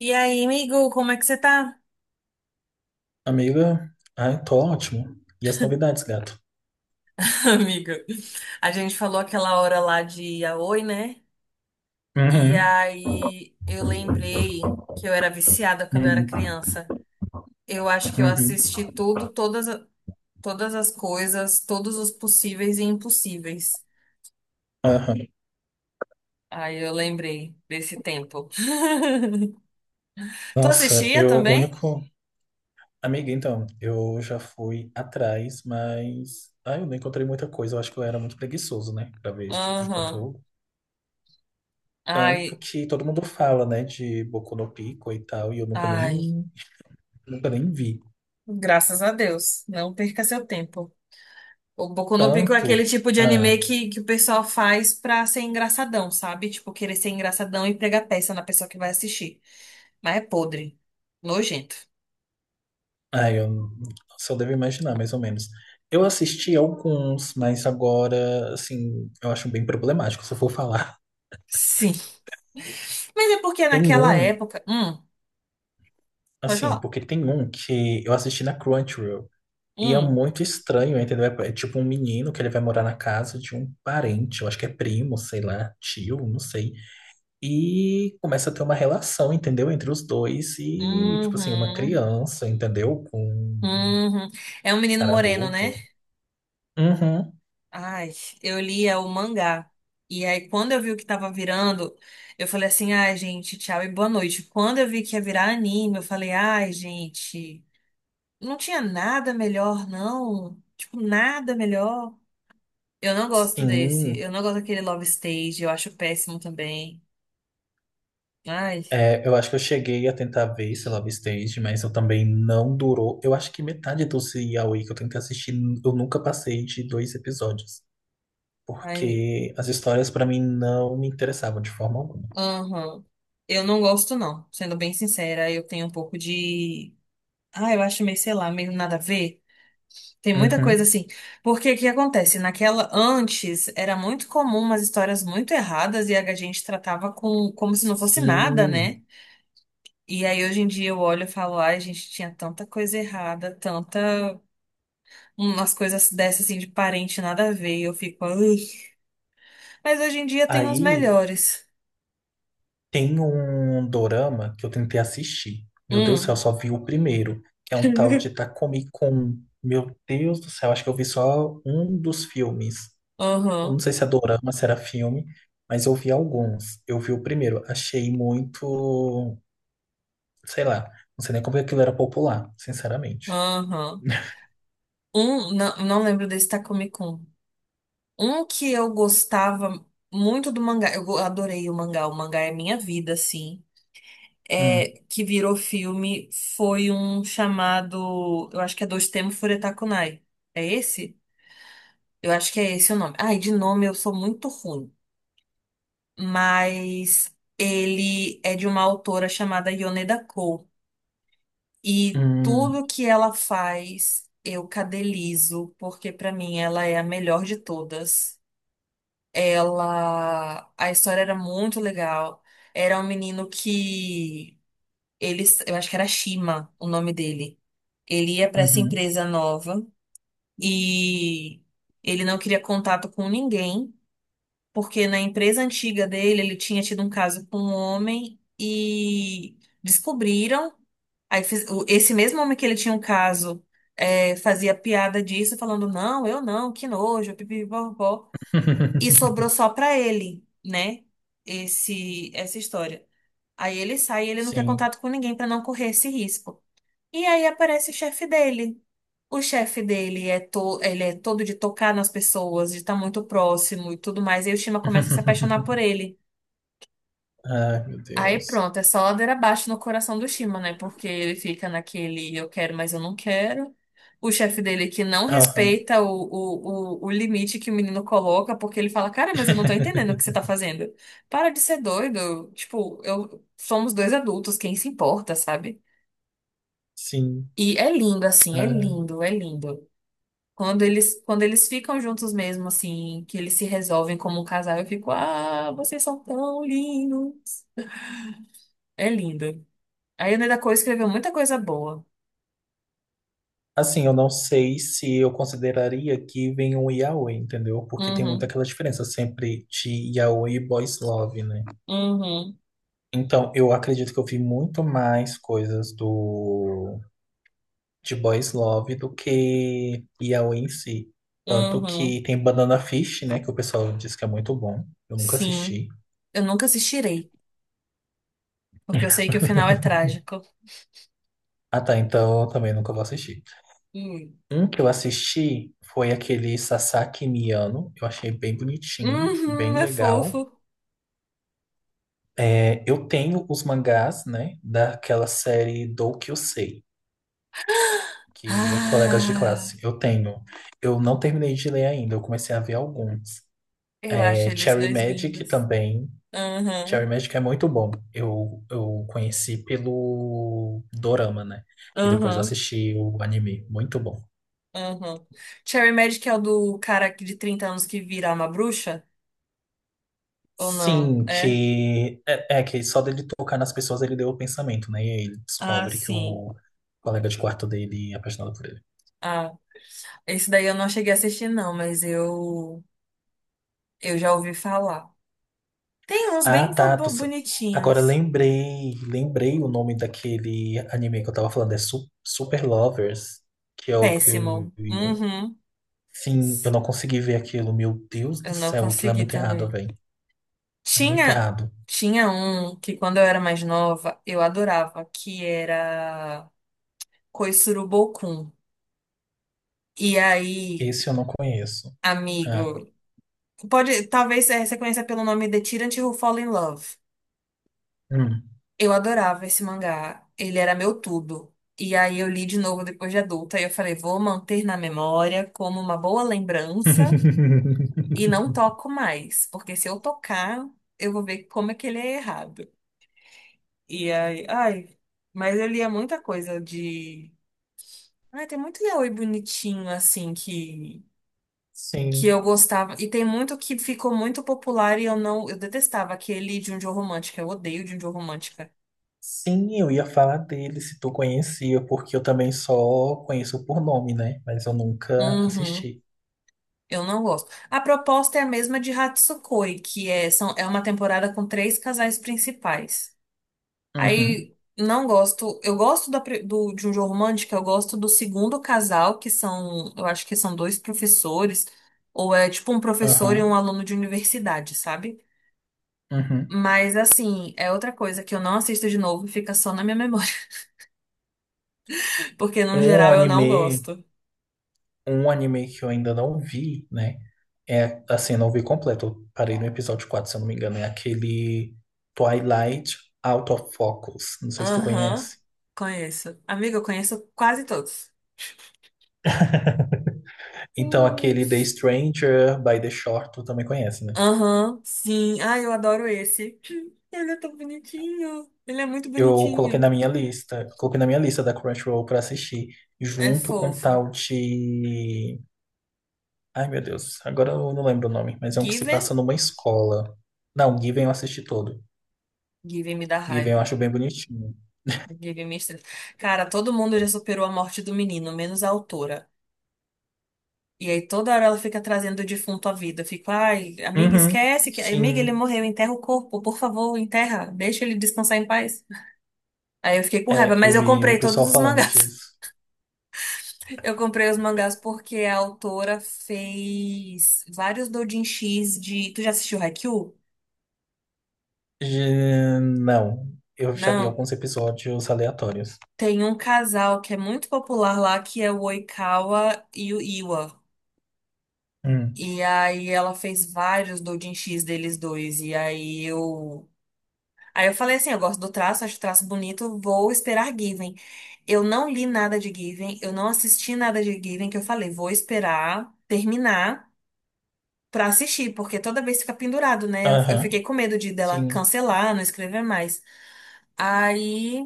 E aí, amigo, como é que você tá? Amiga, ai, tô ótimo. E as novidades, gato? Amiga, a gente falou aquela hora lá de Yaoi, né? E Uhum, aí eu lembrei que eu era viciada quando eu era uhum, criança. Eu acho que eu uhum. assisti tudo, todas, todas as coisas, todos os possíveis e impossíveis. Aham. Aí eu lembrei desse tempo. Tu Nossa, assistia eu, o também? único. Amiga, então, eu já fui atrás, mas. Ai, eu não encontrei muita coisa. Eu acho que eu era muito preguiçoso, né, pra ver esse tipo de Aham. conteúdo. Tanto Ai, que todo mundo fala, né, de Boku no Pico e tal, e eu nunca nem, ai. nunca nem vi. Graças a Deus. Não perca seu tempo. O Boku no Pico é aquele Tanto. tipo de anime Ah. que o pessoal faz pra ser engraçadão, sabe? Tipo, querer ser engraçadão e pregar peça na pessoa que vai assistir. Mas é podre. Nojento. Ah, eu só devo imaginar, mais ou menos. Eu assisti alguns, mas agora, assim, eu acho bem problemático, se eu for falar. Sim. Mas é porque Tem naquela um, época. Pode assim, falar. porque tem um que eu assisti na Crunchyroll. E é Hum. muito estranho, entendeu? É tipo um menino que ele vai morar na casa de um parente, eu acho que é primo, sei lá, tio, não sei. E começa a ter uma relação, entendeu? Entre os dois e, tipo assim, uma Uhum. criança, entendeu? Com um Uhum. É um menino cara moreno, adulto. né? Uhum, Ai, eu lia o mangá. E aí, quando eu vi o que tava virando, eu falei assim: ai, gente, tchau e boa noite. Quando eu vi que ia virar anime, eu falei: ai, gente. Não tinha nada melhor, não. Tipo, nada melhor. Eu não gosto desse. sim. Eu não gosto daquele Love Stage. Eu acho péssimo também. Ai, É, eu acho que eu cheguei a tentar ver esse Love Stage, mas eu também não durou. Eu acho que metade do Yaoi que eu tentei assistir, eu nunca passei de dois episódios. ai, Porque as histórias pra mim não me interessavam de forma alguma. aham. Eu não gosto, não. Sendo bem sincera, eu tenho um pouco de. Ah, eu acho meio, sei lá, meio nada a ver. Tem muita coisa Uhum. assim. Porque o que acontece? Naquela antes era muito comum umas histórias muito erradas e a gente tratava com como se não fosse nada, Sim. né? E aí hoje em dia eu olho e falo, ai, gente, tinha tanta coisa errada, tanta umas coisas dessas assim de parente nada a ver, e eu fico, "Ui". Mas hoje em dia tem uns Aí melhores. tem um dorama que eu tentei assistir. Meu Deus do céu, eu Hum, só vi o primeiro, que é um tal de Takumi-kun. Meu Deus do céu, acho que eu vi só um dos filmes. Eu aham, não sei se é dorama, se era filme, mas eu vi alguns. Eu vi o primeiro, achei muito, sei lá, não sei nem como que aquilo era popular, sinceramente. aham. Um, não, não lembro desse Takumi Kun. Um que eu gostava muito do mangá, eu adorei o mangá é minha vida, assim. Hum, É, que virou filme foi um chamado, eu acho que é Dois Temo Furetakunai. É esse? Eu acho que é esse o nome. Ai, de nome eu sou muito ruim. Mas ele é de uma autora chamada Yoneda Cole. E hum, tudo que ela faz, eu cadelizo, porque pra mim ela é a melhor de todas. Ela. A história era muito legal. Era um menino que. Eles, eu acho que era Shima o nome dele. Ele ia pra essa uhum. empresa nova e ele não queria contato com ninguém. Porque na empresa antiga dele ele tinha tido um caso com um homem e descobriram. Esse mesmo homem que ele tinha um caso é, fazia piada disso, falando: Não, eu não, que nojo, pipipipopó. E sobrou só pra ele, né? Essa história. Aí ele sai, ele não quer Sim. contato com ninguém pra não correr esse risco. E aí aparece o chefe dele. O chefe dele é, to ele é todo de tocar nas pessoas, de estar muito próximo e tudo mais. E aí o Shima começa a se apaixonar por ele. Ai, meu Aí Deus. pronto, é só ladeira abaixo no coração do Shima, né? Porque ele fica naquele eu quero, mas eu não quero. O chefe dele que não Aham. respeita o limite que o menino coloca, porque ele fala, cara, mas eu não tô entendendo o que você tá fazendo. Para de ser doido. Tipo, eu somos dois adultos, quem se importa, sabe? Sim. E é lindo, assim, Ah, é lindo. Quando eles ficam juntos mesmo, assim, que eles se resolvem como um casal, eu fico, ah, vocês são tão lindos. É lindo. A Ione Coa escreveu muita coisa boa. assim, eu não sei se eu consideraria que vem um yaoi, entendeu? Porque tem muita Uhum, aquela diferença sempre de yaoi e boys love, né? uhum, Então, eu acredito que eu vi muito mais coisas do de Boys Love do que Yaoi em si. Tanto uhum. que tem Banana Fish, né? Que o pessoal diz que é muito bom. Eu nunca Sim. assisti. Eu nunca assistirei, porque eu sei que o final é trágico. Ah, tá. Então eu também nunca vou assistir. Hum. Um que eu assisti foi aquele Sasaki Miano. Eu achei bem bonitinho, Uhum, bem é legal. fofo. É, eu tenho os mangás, né? Daquela série Do Kyusei, que é colegas de Ah, classe. Eu tenho. Eu não terminei de ler ainda, eu comecei a ver alguns. eu É, acho eles Cherry dois Magic lindos. também. Cherry Uhum, Magic é muito bom. Eu conheci pelo Dorama, né? E depois uhum, assisti o anime. Muito bom. uhum. Cherry Magic é o do cara que de 30 anos que vira uma bruxa? Ou não? Sim, É? que é, é que só dele tocar nas pessoas ele deu o pensamento, né? E aí ele Ah, descobre que sim. o colega de quarto dele é apaixonado por ele. Ah, esse daí eu não cheguei a assistir, não, mas eu já ouvi falar. Tem uns Ah, bem tá. Agora bonitinhos. lembrei, lembrei o nome daquele anime que eu tava falando, é Super Lovers, que é o que eu Péssimo. vi. Uhum. Sim, eu não consegui ver aquilo. Meu Deus Eu do não céu, aquilo é consegui muito errado, também. velho. É muito Tinha, errado. tinha um que quando eu era mais nova, eu adorava, que era Koisuru Bokun. E aí, Esse eu não conheço. Ah, amigo, pode, talvez você conheça pelo nome The Tyrant Who Fall in Love. hum. Eu adorava esse mangá. Ele era meu tudo. E aí eu li de novo depois de adulta e eu falei, vou manter na memória como uma boa lembrança. E não toco mais, porque se eu tocar, eu vou ver como é que ele é errado. E aí, ai, mas eu lia muita coisa de. Ai, tem muito yaoi bonitinho, assim, que Sim. eu gostava. E tem muito que ficou muito popular e eu não. Eu detestava aquele de Junjo Romântica. Eu odeio Junjo Romântica. Sim, eu ia falar dele se tu conhecia, porque eu também só conheço por nome, né? Mas eu nunca Uhum. assisti. Eu não gosto. A proposta é a mesma de Hatsukoi, que é, são, é uma temporada com três casais principais. Uhum, Aí não gosto. Eu gosto da de um jogo romântico, eu gosto do segundo casal, que são, eu acho que são dois professores, ou é tipo um professor e aham, um aluno de universidade, sabe? uhum. Mas assim, é outra coisa que eu não assisto de novo, fica só na minha memória, porque no Um geral eu não anime. gosto. Um anime que eu ainda não vi, né? É, assim, não vi completo. Eu parei no episódio 4, se eu não me engano. É aquele Twilight Out of Focus. Não sei se tu Aham, conhece. conheço. Amiga, eu conheço quase todos. Então, Hum. aquele The Stranger by the Shore, tu também conhece, né? Aham, sim. Ai, eu adoro esse. Ele é tão bonitinho. Ele é muito Eu coloquei na bonitinho. minha lista. Eu coloquei na minha lista da Crunchyroll pra assistir. É Junto com o fofo. tal de... Ai, meu Deus. Agora eu não lembro o nome. Mas é um que se passa Given? numa escola. Não, Given eu assisti todo. Given me dá Given eu raiva. acho bem bonitinho. Given me estressa. Cara, todo mundo já superou a morte do menino, menos a autora. E aí toda hora ela fica trazendo o defunto à vida. Eu fico, ai, amiga, Uhum. esquece que. Amiga, ele Sim. morreu, enterra o corpo, por favor, enterra. Deixa ele descansar em paz. Aí eu fiquei com raiva, É, mas eu eu vi o comprei todos pessoal os falando mangás. disso. Eu comprei os mangás porque a autora fez vários doujinshis de. Tu já assistiu Haikyuu? Não, eu já vi Não. alguns episódios aleatórios. Tem um casal que é muito popular lá, que é o Oikawa e o Iwa. Hum. E aí ela fez vários doujin X deles dois. E aí eu. Aí eu falei assim, eu gosto do traço, acho o traço bonito, vou esperar Given. Eu não li nada de Given, eu não assisti nada de Given, que eu falei, vou esperar terminar pra assistir, porque toda vez fica pendurado, né? Eu Aham, fiquei com medo de dela sim. cancelar, não escrever mais. Aí,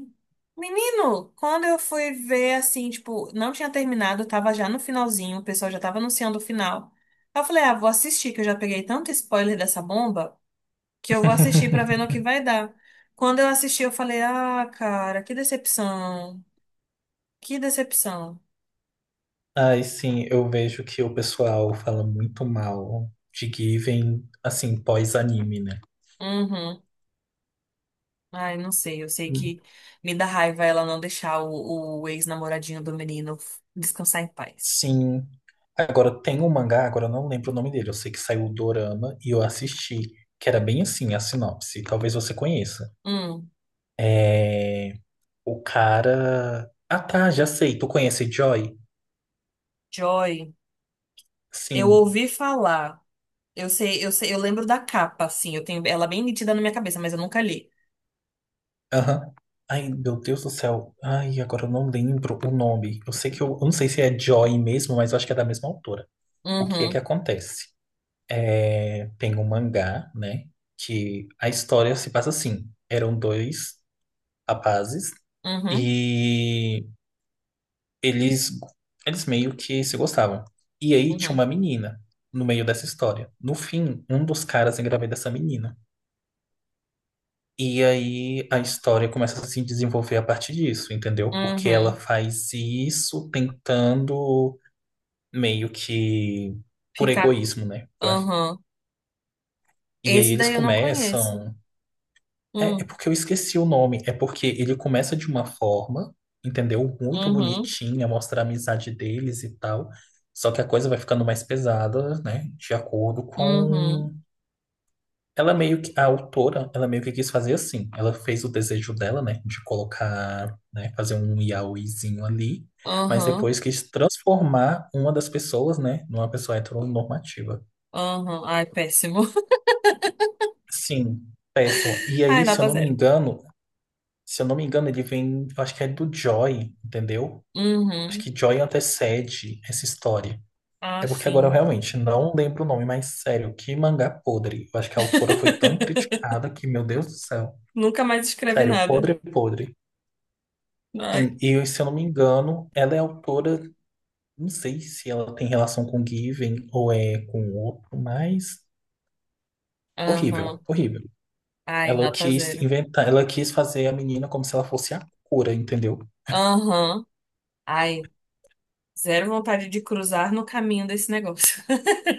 menino, quando eu fui ver, assim, tipo, não tinha terminado, tava já no finalzinho, o pessoal já tava anunciando o final. Aí eu falei, ah, vou assistir, que eu já peguei tanto spoiler dessa bomba, que eu vou assistir pra ver no que vai dar. Quando eu assisti, eu falei, ah, cara, que decepção, que decepção. Ai, sim, eu vejo que o pessoal fala muito mal de Given, assim, pós-anime, né? Uhum. Ai, não sei, eu sei Hum. que me dá raiva ela não deixar o ex-namoradinho do menino descansar em paz. Sim. Agora tem um mangá, agora eu não lembro o nome dele. Eu sei que saiu o Dorama e eu assisti, que era bem assim a sinopse. Talvez você conheça. Hum, É... O cara. Ah, tá, já sei. Tu conhece Joy? Joy, eu Sim. ouvi falar. Eu sei, eu lembro da capa, assim, eu tenho ela bem nítida na minha cabeça, mas eu nunca li. Aham. Ai, meu Deus do céu. Ai, agora eu não lembro o nome. Eu sei que eu não sei se é Joy mesmo, mas eu acho que é da mesma autora. O que é que Uhum, acontece? É, tem um mangá, né? Que a história se passa assim. Eram dois rapazes uhum, e eles, eles meio que se gostavam. E aí tinha uhum, uma menina no meio dessa história. No fim, um dos caras engravida essa menina. E aí a história começa a se desenvolver a partir disso, entendeu? Porque ela uhum. faz isso tentando meio que por Ficar, egoísmo, né? Eu acho. uhum. E aí Esse eles daí eu não conheço. começam. É Hum, porque eu esqueci o nome. É porque ele começa de uma forma, entendeu? Muito uhum, bonitinha, mostra a amizade deles e tal. Só que a coisa vai ficando mais pesada, né? De acordo com... uhum, Ela é meio que, a autora, ela meio que quis fazer assim. Ela fez o desejo dela, né, de colocar, né, fazer um yaoizinho ali, mas uhum, depois quis transformar uma das pessoas, né, numa pessoa heteronormativa. uhum. Ai, péssimo. Sim, péssimo. E Ai, aí, se eu nota não me zero. engano, se eu não me engano, ele vem, eu acho que é do Joy, entendeu? Acho Uhum. que Joy antecede essa história. Ah, É porque agora eu sim. realmente não lembro o nome, mas sério, que mangá podre. Eu acho que a autora foi tão criticada que, meu Deus do céu. Nunca mais escreve Sério, nada. podre, podre. Ai. Sim, e se eu não me engano, ela é autora, não sei se ela tem relação com Given ou é com outro, mas horrível, Aham. horrível. Ai, Ela nota quis zero. inventar, ela quis fazer a menina como se ela fosse a cura, entendeu? Aham. Ai, zero vontade de cruzar no caminho desse negócio.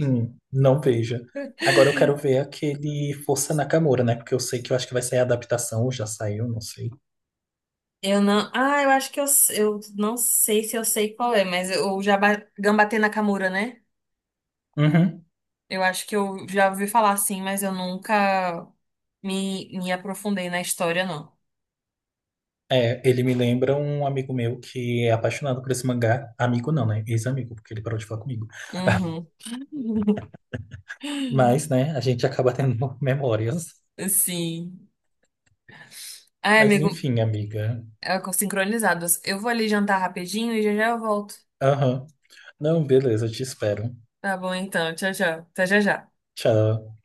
Não veja. Agora eu quero ver aquele Força Nakamura, né? Porque eu sei que eu acho que vai sair a adaptação, ou já saiu, não sei. Eu não. Ah, eu acho que eu não sei se eu sei qual é, mas o Jaba... Gambatê Nakamura, né? Uhum. Eu acho que eu já ouvi falar assim, mas eu nunca me aprofundei na história, não. É, ele me lembra um amigo meu que é apaixonado por esse mangá. Amigo não, né? Ex-amigo, porque ele parou de falar comigo. Uhum. Mas, né, a gente acaba tendo memórias. Sim. Ai, Mas amigo, enfim, amiga. é sincronizados. Eu vou ali jantar rapidinho e já já eu volto. Aham. Não, beleza, te espero. Tá bom, então. Tchau, tchau. Até já já. Tchau.